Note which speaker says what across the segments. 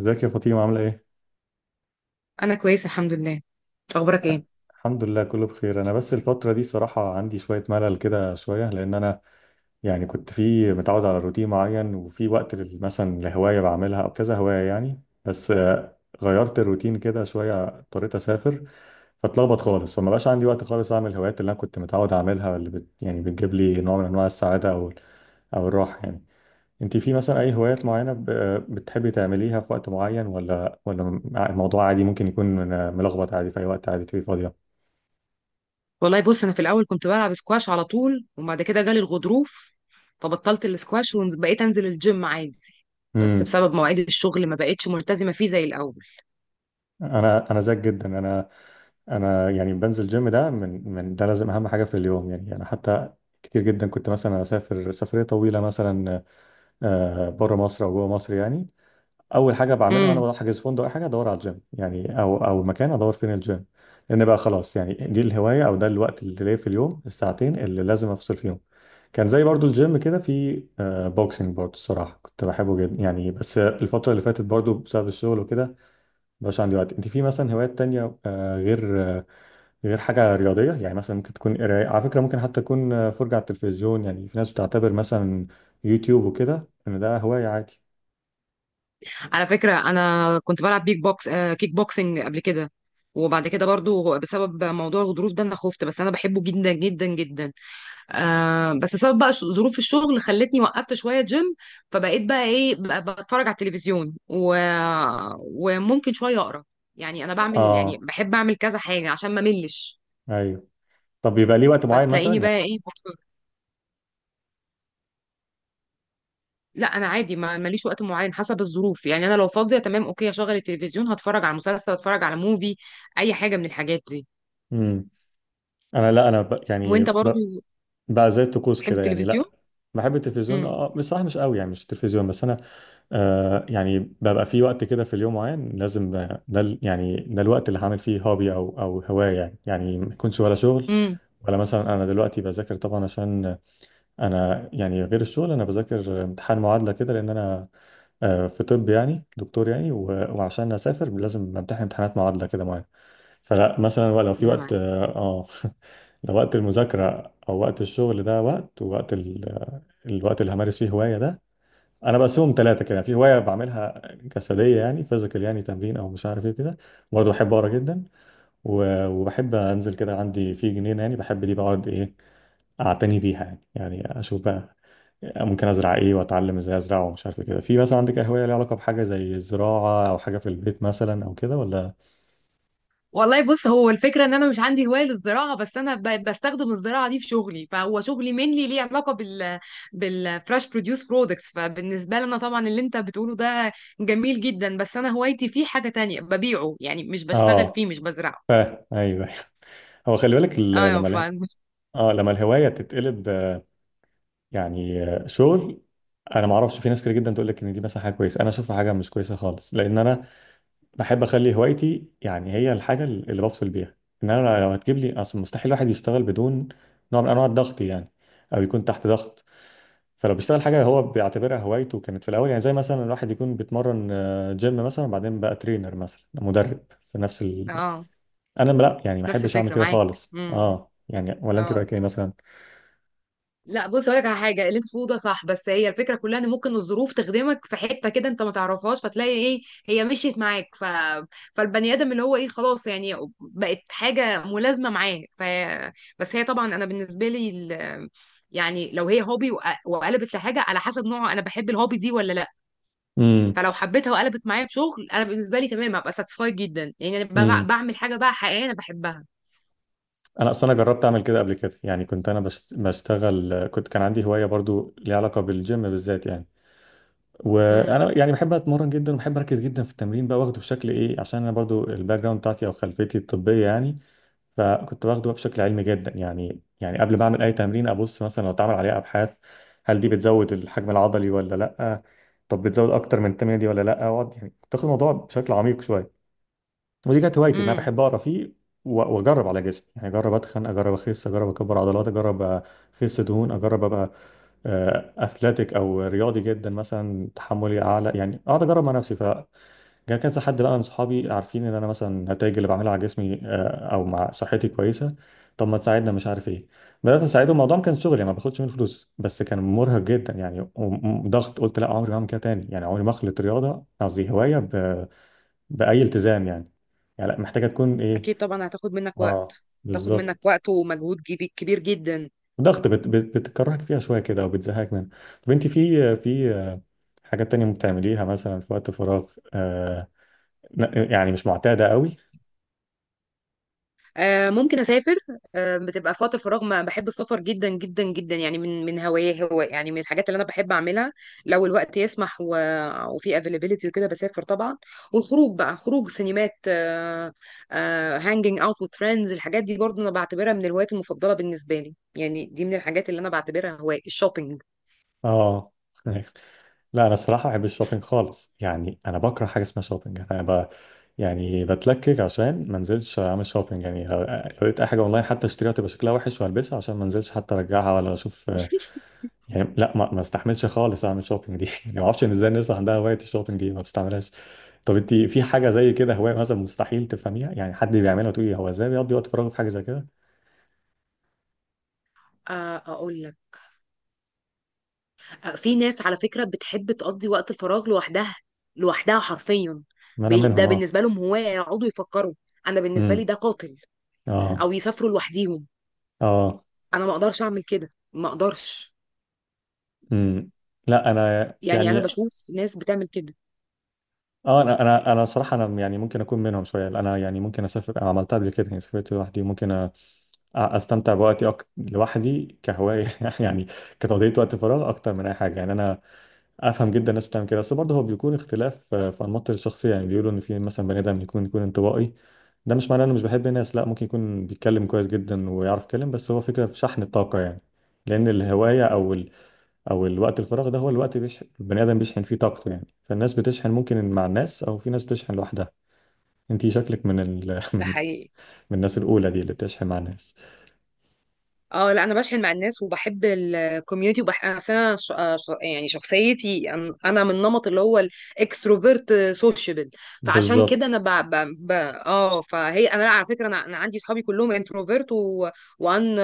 Speaker 1: ازيك يا فاطمة عاملة ايه؟
Speaker 2: انا كويسه الحمد لله. اخبارك ايه؟
Speaker 1: الحمد لله كله بخير. انا بس الفترة دي صراحة عندي شوية ملل كده شوية. لان انا يعني كنت في متعود على روتين معين وفي وقت مثلا لهواية بعملها او كذا هواية يعني بس غيرت الروتين كده شوية، اضطريت اسافر فاتلخبط خالص، فما بقاش عندي وقت خالص اعمل الهوايات اللي انا كنت متعود اعملها، اللي يعني بتجيب لي نوع من انواع السعادة او او الراحة يعني. انت في مثلا اي هوايات معينة بتحبي تعمليها في وقت معين؟ ولا الموضوع عادي ممكن يكون ملخبط عادي في اي وقت عادي تبقي فاضية؟
Speaker 2: والله بص، انا في الاول كنت بلعب سكواش على طول، وبعد كده جالي الغضروف فبطلت السكواش وبقيت انزل الجيم عادي، بس
Speaker 1: امم،
Speaker 2: بسبب مواعيد الشغل ما بقتش ملتزمه فيه زي الاول.
Speaker 1: انا زيك جدا. انا انا يعني بنزل جيم، ده من ده لازم اهم حاجة في اليوم يعني. انا حتى كتير جدا كنت مثلا اسافر سفرية طويلة مثلا بره مصر او جوه مصر يعني، اول حاجه بعملها وانا
Speaker 2: امم
Speaker 1: بحجز فندق اي حاجه ادور على الجيم يعني، او او مكان ادور فين الجيم، لان بقى خلاص يعني دي الهوايه او ده الوقت اللي ليا في اليوم، الساعتين اللي لازم افصل فيهم. كان زي برضو الجيم كده في بوكسنج، برضو الصراحه كنت بحبه جدا يعني، بس الفتره اللي فاتت برضو بسبب الشغل وكده مبقاش عندي وقت. انت في مثلا هوايات تانية غير حاجه رياضيه يعني؟ مثلا ممكن تكون قرايه على فكره، ممكن حتى تكون فرجه على التلفزيون يعني، في ناس بتعتبر مثلا يوتيوب وكده ان ده هوايه عادي.
Speaker 2: على فكره انا كنت بلعب بيك بوكس كيك بوكسنج قبل كده، وبعد كده برضو بسبب موضوع الغضروف ده انا خفت، بس انا بحبه جدا جدا جدا. بس سبب بقى ظروف الشغل خلتني وقفت شويه جيم، فبقيت بقى ايه بقى بتفرج على التلفزيون. وممكن شويه اقرا، يعني انا بعمل يعني
Speaker 1: اه،
Speaker 2: بحب اعمل كذا حاجه عشان ما ملش.
Speaker 1: ايوه. طب بيبقى ليه وقت معين مثلا
Speaker 2: فتلاقيني بقى
Speaker 1: يعني؟
Speaker 2: ايه بتفرج. لا انا عادي، ما ماليش وقت معين، حسب الظروف. يعني انا لو فاضيه تمام، اوكي، هشغل التلفزيون، هتفرج على مسلسل، هتفرج على موفي، اي حاجه من الحاجات دي.
Speaker 1: امم. انا لا انا
Speaker 2: وانت برضو
Speaker 1: بقى زي الطقوس
Speaker 2: بتحب
Speaker 1: كده يعني،
Speaker 2: التلفزيون؟
Speaker 1: لا بحب التلفزيون
Speaker 2: امم.
Speaker 1: اه، مش صح، مش قوي يعني، مش التلفزيون بس. انا آه يعني ببقى في وقت كده في اليوم معين لازم يعني ده الوقت اللي هعمل فيه هوبي او او هوايه يعني، يعني ما يكونش ولا شغل
Speaker 2: امم.
Speaker 1: ولا مثلا. انا دلوقتي بذاكر طبعا، عشان انا يعني غير الشغل انا بذاكر امتحان معادله كده، لان انا في طب يعني، دكتور يعني، وعشان اسافر لازم امتحن امتحانات معادله كده معينه. فلا مثلا هو لو في
Speaker 2: ربنا
Speaker 1: وقت
Speaker 2: معاك.
Speaker 1: اه لو وقت المذاكرة أو وقت الشغل، ده وقت الوقت اللي همارس فيه هواية ده، أنا بقسمهم ثلاثة كده. في هواية بعملها جسدية يعني فيزيكال يعني تمرين أو مش عارف إيه كده، برضه بحب أقرأ جدا، وبحب أنزل كده عندي في جنينة يعني، بحب دي بقعد إيه أعتني بيها يعني، يعني أشوف بقى ممكن أزرع إيه وأتعلم إزاي أزرع ومش عارف إيه كده. في مثلا عندك هواية ليها علاقة بحاجة زي الزراعة أو حاجة في البيت مثلا أو كده ولا؟
Speaker 2: والله بص، هو الفكرة ان انا مش عندي هواية للزراعة، بس انا بستخدم الزراعة دي في شغلي، فهو شغلي mainly ليه علاقة بال بالفريش بروديوس برودكتس. فبالنسبة لي انا طبعا اللي انت بتقوله ده جميل جدا، بس انا هوايتي فيه حاجة تانية، ببيعه يعني، مش بشتغل
Speaker 1: آه،
Speaker 2: فيه، مش بزرعه.
Speaker 1: أيوه. هو خلي بالك
Speaker 2: اه ف
Speaker 1: لما الهوايه تتقلب شغل، انا ما اعرفش، في ناس كتير جدا تقول لك ان دي مثلا حاجه كويسه، انا اشوفها حاجه مش كويسه خالص، لان انا بحب اخلي هوايتي يعني هي الحاجه اللي بفصل بيها. ان انا لو هتجيب لي، اصل مستحيل الواحد يشتغل بدون نوع من انواع الضغط يعني، او يكون تحت ضغط، فلو بيشتغل حاجه هو بيعتبرها هوايته كانت في الاول، يعني زي مثلا الواحد يكون بيتمرن جيم مثلا، بعدين بقى ترينر مثلا مدرب في نفس ال...
Speaker 2: اه
Speaker 1: انا لا يعني ما
Speaker 2: نفس
Speaker 1: احبش اعمل
Speaker 2: الفكرة
Speaker 1: كده
Speaker 2: معاك.
Speaker 1: خالص
Speaker 2: امم.
Speaker 1: اه يعني. ولا انت رايك ايه مثلا؟
Speaker 2: لا بص هقولك على حاجه، اللي انت بتقوله ده صح، بس هي الفكره كلها ان ممكن الظروف تخدمك في حته كده انت ما تعرفهاش، فتلاقي ايه هي مشيت معاك. فالبني ادم اللي هو ايه خلاص يعني بقت حاجه ملازمه معاه. بس هي طبعا انا بالنسبه لي. يعني لو هي هوبي وقلبت لحاجه، على حسب نوعه انا بحب الهوبي دي ولا لا.
Speaker 1: امم.
Speaker 2: فلو حبيتها وقلبت معايا في شغل، انا بالنسبه لي تمام، هبقى ساتسفايد جدا. يعني انا
Speaker 1: امم.
Speaker 2: بعمل حاجه بقى حقيقيه انا بحبها.
Speaker 1: انا اصلا جربت اعمل كده قبل كده يعني، كنت انا بشتغل، كنت كان عندي هوايه برضو ليها علاقه بالجيم بالذات يعني،
Speaker 2: امم.
Speaker 1: وانا يعني بحب اتمرن جدا وبحب اركز جدا في التمرين بقى، واخده بشكل ايه عشان انا برضو الباك جراوند بتاعتي او خلفيتي الطبيه يعني، فكنت باخده بقى بشكل علمي جدا يعني. يعني قبل ما اعمل اي تمرين ابص مثلا لو اتعمل عليها ابحاث، هل دي بتزود الحجم العضلي ولا لا، طب بتزود اكتر من التمرين دي ولا لا، اقعد يعني كنت واخد الموضوع بشكل عميق شويه. ودي كانت هوايتي ان انا
Speaker 2: إمم.
Speaker 1: بحب اقرا فيه واجرب على جسمي يعني، اجرب اتخن، اجرب اخس، اجرب اكبر عضلات، اجرب اخس دهون، اجرب ابقى اثليتيك او رياضي جدا مثلا، تحملي اعلى يعني، اقعد اجرب مع نفسي. فجاء كذا حد بقى من صحابي عارفين ان انا مثلا النتائج اللي بعملها على جسمي او مع صحتي كويسه، طب ما تساعدنا مش عارف ايه، بدات اساعدهم. الموضوع ما كان شغل يعني ما باخدش منه فلوس، بس كان مرهق جدا يعني وضغط. قلت لا، عمري ما هعمل كده تاني يعني، عمري ما اخلط رياضه، قصدي هوايه، بأي التزام يعني، يعني لأ، محتاجة تكون ايه.
Speaker 2: اكيد طبعا هتاخد منك
Speaker 1: اه،
Speaker 2: وقت. هتاخد منك
Speaker 1: بالظبط.
Speaker 2: وقت ومجهود كبير جدا.
Speaker 1: ضغط بت بت بتكرهك فيها شوية كده او بتزهقك منها. طب انت في حاجات تانية بتعمليها مثلا في وقت فراغ آه؟ يعني مش معتادة قوي.
Speaker 2: آه، ممكن اسافر. آه، بتبقى في وقت الفراغ، ما بحب السفر جدا جدا جدا، يعني من هوايه، هو يعني من الحاجات اللي انا بحب اعملها لو الوقت يسمح, وفي افيلابيلتي وكده، بسافر طبعا. والخروج بقى، خروج سينمات، آه، آه، هانجينج اوت وذ فريندز، الحاجات دي برضو انا بعتبرها من الهوايات المفضله بالنسبه لي، يعني دي من الحاجات اللي انا بعتبرها هوايه. الشوبينج؟
Speaker 1: اه. لا انا الصراحة بحب الشوبينج خالص يعني، انا بكره حاجة اسمها شوبينج، انا ب يعني بتلكك عشان ما انزلش اعمل شوبينج يعني، لو لو لقيت اي حاجة اونلاين حتى اشتريها تبقى شكلها وحش والبسها عشان ما انزلش حتى ارجعها ولا اشوف يعني، لا ما استحملش خالص اعمل شوبينج دي يعني، ما اعرفش ان ازاي الناس عندها هوايه الشوبينج دي، ما بستعملهاش. طب انت في حاجه زي كده هوايه مثلا مستحيل تفهميها يعني، حد بيعملها وتقولي هو ازاي بيقضي وقت فراغه في حاجه زي كده؟
Speaker 2: اقول لك، في ناس على فكرة بتحب تقضي وقت الفراغ لوحدها، لوحدها حرفيا،
Speaker 1: ما انا منهم
Speaker 2: ده
Speaker 1: اه.
Speaker 2: بالنسبة لهم هواية، يقعدوا يفكروا. أنا بالنسبة لي
Speaker 1: امم.
Speaker 2: ده قاتل.
Speaker 1: اه.
Speaker 2: أو يسافروا لوحديهم.
Speaker 1: اه.
Speaker 2: أنا ما أقدرش أعمل كده، ما أقدرش.
Speaker 1: امم. لا انا
Speaker 2: يعني أنا
Speaker 1: يعني
Speaker 2: بشوف ناس بتعمل كده.
Speaker 1: اه، انا صراحه انا يعني ممكن اكون منهم شويه. انا يعني ممكن اسافر، أنا عملتها قبل كده يعني، سافرت لوحدي، ممكن استمتع بوقتي لوحدي كهوايه يعني، كتقضيه وقت فراغ اكتر من اي حاجه يعني. انا افهم جدا الناس بتعمل كده، بس برضه هو بيكون اختلاف في انماط الشخصيه يعني، بيقولوا ان في مثلا بني ادم يكون انطوائي، ده مش معناه انه مش بيحب الناس، لا ممكن يكون بيتكلم كويس جدا ويعرف يتكلم، بس هو فكره في شحن الطاقه يعني. لان الهوايه او ال... او الوقت الفراغ ده هو الوقت البني ادم بيشحن فيه طاقته يعني، فالناس بتشحن ممكن مع الناس، او في ناس بتشحن لوحدها. انتي شكلك من ال...
Speaker 2: ده
Speaker 1: من
Speaker 2: حقيقي.
Speaker 1: من الناس الاولى دي اللي بتشحن مع الناس.
Speaker 2: اه لا انا بشحن مع الناس وبحب الكوميونتي، وبح انا أصل أنا يعني شخصيتي انا من النمط اللي هو الاكستروفرت سوشيبل. فعشان كده
Speaker 1: بالظبط.
Speaker 2: انا ب... ب... ب... اه فهي انا لا، على فكره أنا عندي صحابي كلهم انتروفرت وان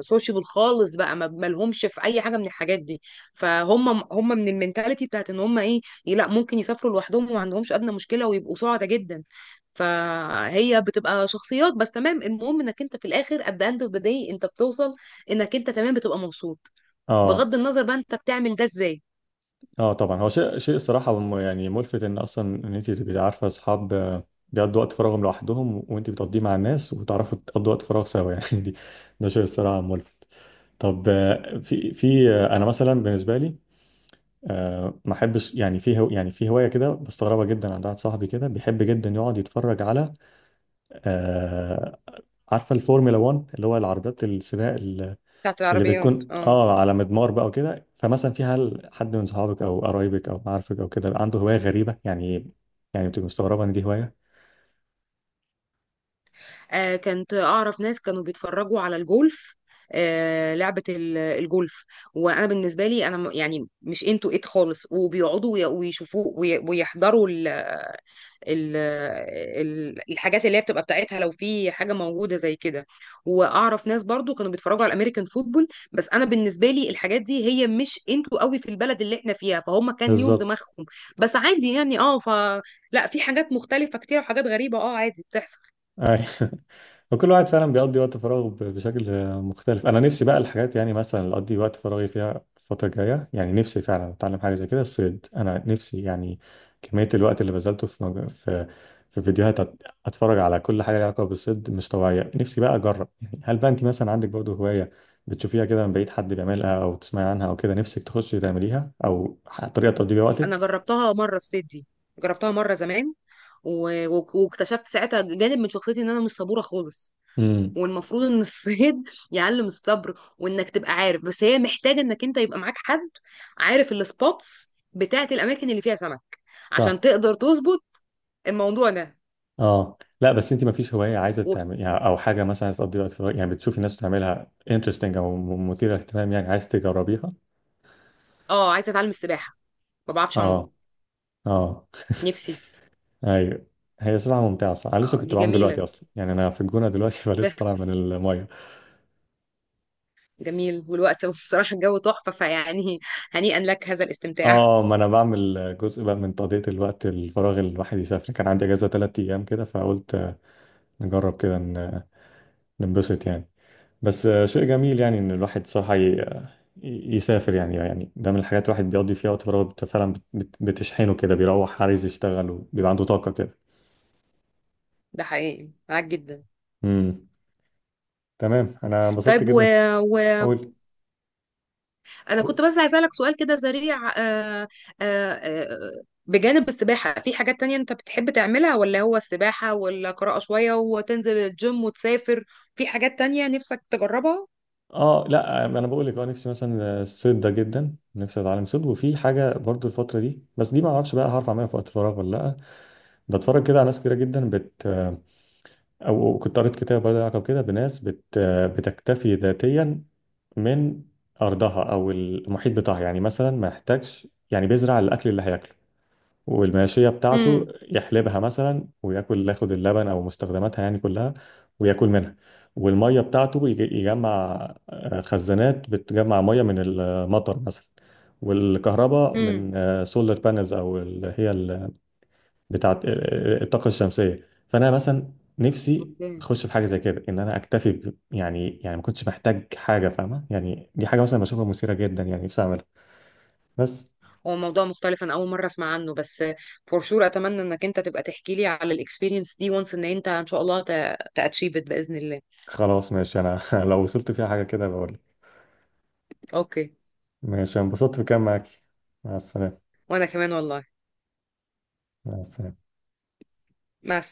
Speaker 2: سوشيبل خالص بقى، ما لهمش في اي حاجه من الحاجات دي. فهم هم من المنتاليتي بتاعت ان هم ايه، لا ممكن يسافروا لوحدهم، وما عندهمش ادنى مشكله، ويبقوا سعداء جدا. فهي بتبقى شخصيات بس تمام. المهم انك انت في الاخر، at the end of the day، انت بتوصل انك انت تمام، بتبقى مبسوط،
Speaker 1: اه.
Speaker 2: بغض النظر بقى انت بتعمل ده ازاي.
Speaker 1: اه طبعا. هو شيء الصراحه يعني ملفت ان اصلا ان انت تبقي عارفه اصحاب بيقضوا وقت فراغهم لوحدهم وانت بتقضيه مع الناس، وتعرفوا تقضوا وقت فراغ سوا يعني دي، ده شيء الصراحه ملفت. طب آه، في في آه، انا
Speaker 2: اه
Speaker 1: مثلا بالنسبه لي ما احبش يعني في هوايه كده بستغربها جدا عند واحد صاحبي، كده بيحب جدا يقعد يتفرج على آه، عارفه الفورمولا 1 اللي هو العربيات السباق
Speaker 2: بتاعت
Speaker 1: اللي
Speaker 2: العربيات،
Speaker 1: بتكون
Speaker 2: اه.
Speaker 1: اه على مدمار بقى وكده. فمثلا في هل حد من صحابك او قرايبك او معارفك او كده عنده هوايه غريبه يعني، يعني بتبقى مستغربه ان دي هوايه؟
Speaker 2: آه، كنت اعرف ناس كانوا بيتفرجوا على الجولف، آه، لعبة الجولف، وانا بالنسبة لي انا يعني مش انتو ات خالص، وبيقعدوا ويشوفوه ويحضروا ال- الحاجات اللي هي بتبقى بتاعتها لو في حاجه موجوده زي كده. واعرف ناس برضو كانوا بيتفرجوا على الامريكان فوتبول، بس انا بالنسبه لي الحاجات دي هي مش انتوا قوي في البلد اللي احنا فيها، فهم كان ليهم
Speaker 1: بالظبط.
Speaker 2: دماغهم. بس عادي يعني، اه ف لا، في حاجات مختلفه كتير وحاجات غريبه، اه عادي بتحصل.
Speaker 1: أيوة. وكل واحد فعلا بيقضي وقت فراغه بشكل مختلف. انا نفسي بقى الحاجات يعني مثلا اللي اقضي وقت فراغي فيها الفتره الجايه، يعني نفسي فعلا اتعلم حاجه زي كده، الصيد انا نفسي يعني، كميه الوقت اللي بذلته في مج... في في فيديوهات اتفرج على كل حاجه ليها علاقه بالصيد مش طبيعيه، نفسي بقى اجرب يعني. هل بقى انت مثلا عندك برضه هوايه بتشوفيها كده من بعيد حد بيعملها او تسمعي عنها او كده نفسك تخشي تعمليها، او طريقه تقضي بيها
Speaker 2: انا
Speaker 1: وقتك؟
Speaker 2: جربتها مره الصيد دي، جربتها مره زمان، واكتشفت ساعتها جانب من شخصيتي ان انا مش صبوره خالص.
Speaker 1: امم.
Speaker 2: والمفروض ان الصيد يعلم الصبر، وانك تبقى عارف، بس هي محتاجه انك انت يبقى معاك حد عارف السبوتس بتاعه الاماكن اللي فيها سمك، عشان تقدر تظبط الموضوع ده
Speaker 1: اه، لا بس انت ما فيش هوايه عايزه
Speaker 2: و...
Speaker 1: تعمل يعني، او حاجه مثلا عايزه تقضي وقت فراغ يعني بتشوفي الناس بتعملها انترستنج او مثيره اهتمام يعني عايز تجربيها؟
Speaker 2: اه عايزه اتعلم السباحه، ما بعرفش
Speaker 1: اه.
Speaker 2: اعوم.
Speaker 1: اه.
Speaker 2: نفسي.
Speaker 1: ايوه. هي صراحه ممتعه صح، انا لسه
Speaker 2: اه
Speaker 1: كنت
Speaker 2: دي
Speaker 1: بعوم دلوقتي
Speaker 2: جميله.
Speaker 1: اصلا يعني، انا في الجونه دلوقتي
Speaker 2: به.
Speaker 1: فلسه طالع من الميه.
Speaker 2: جميل، والوقت بصراحه الجو تحفه فيعني. هنيئا لك هذا الاستمتاع.
Speaker 1: اه، ما انا بعمل جزء بقى من تقضيه الوقت الفراغ اللي الواحد يسافر، كان عندي اجازه ثلاث ايام كده فقلت نجرب كده ننبسط يعني. بس شيء جميل يعني ان الواحد صراحة يسافر يعني، يعني ده من الحاجات الواحد بيقضي فيها وقت فراغه بتشحنه كده، بيروح عايز يشتغل وبيبقى عنده طاقة كده.
Speaker 2: ده حقيقي معاك جدا.
Speaker 1: امم. تمام، انا انبسطت
Speaker 2: طيب
Speaker 1: جدا.
Speaker 2: و...
Speaker 1: اول
Speaker 2: انا كنت بس عايزه اسالك سؤال كده سريع، آه، بجانب السباحه في حاجات تانية انت بتحب تعملها، ولا هو السباحه ولا قراءه شويه وتنزل الجيم وتسافر؟ في حاجات تانية نفسك تجربها؟
Speaker 1: اه، لا انا بقول لك اه، نفسي مثلا الصيد ده جدا، نفسي اتعلم صيد. وفي حاجه برضو الفتره دي، بس دي ما اعرفش بقى هعرف اعملها في وقت فراغ ولا لا، بتفرج كده على ناس كتيره جدا او كنت قريت كتاب برضه له علاقه بكده، بناس بتكتفي ذاتيا من ارضها او المحيط بتاعها يعني، مثلا ما يحتاجش يعني، بيزرع الاكل اللي هياكله، والماشيه بتاعته
Speaker 2: امم.
Speaker 1: يحلبها مثلا وياكل ياخد اللبن او مستخدماتها يعني كلها وياكل منها، والميه بتاعته يجمع خزانات بتجمع ميه من المطر مثلا، والكهرباء
Speaker 2: امم.
Speaker 1: من سولار بانلز او ال- هي بتاعت الطاقة الشمسية. فأنا مثلا نفسي
Speaker 2: اوكي.
Speaker 1: أخش في حاجة زي كده، إن أنا أكتفي يعني يعني ما كنتش محتاج حاجة، فاهمة يعني؟ دي حاجة مثلا بشوفها مثيرة جدا يعني، نفسي أعملها بس.
Speaker 2: هو موضوع مختلف، انا اول مره اسمع عنه، بس فور شور اتمنى انك انت تبقى تحكي لي على الاكسبيرينس دي، وانس ان انت ان شاء الله تاتشيفت باذن الله.
Speaker 1: خلاص ماشي، أنا لو وصلت فيها حاجة كده بقول لك.
Speaker 2: اوكي.
Speaker 1: ماشي، أنا انبسطت في كلام معاك. مع السلامة.
Speaker 2: وانا كمان والله.
Speaker 1: مع السلامة.
Speaker 2: مع السلامه.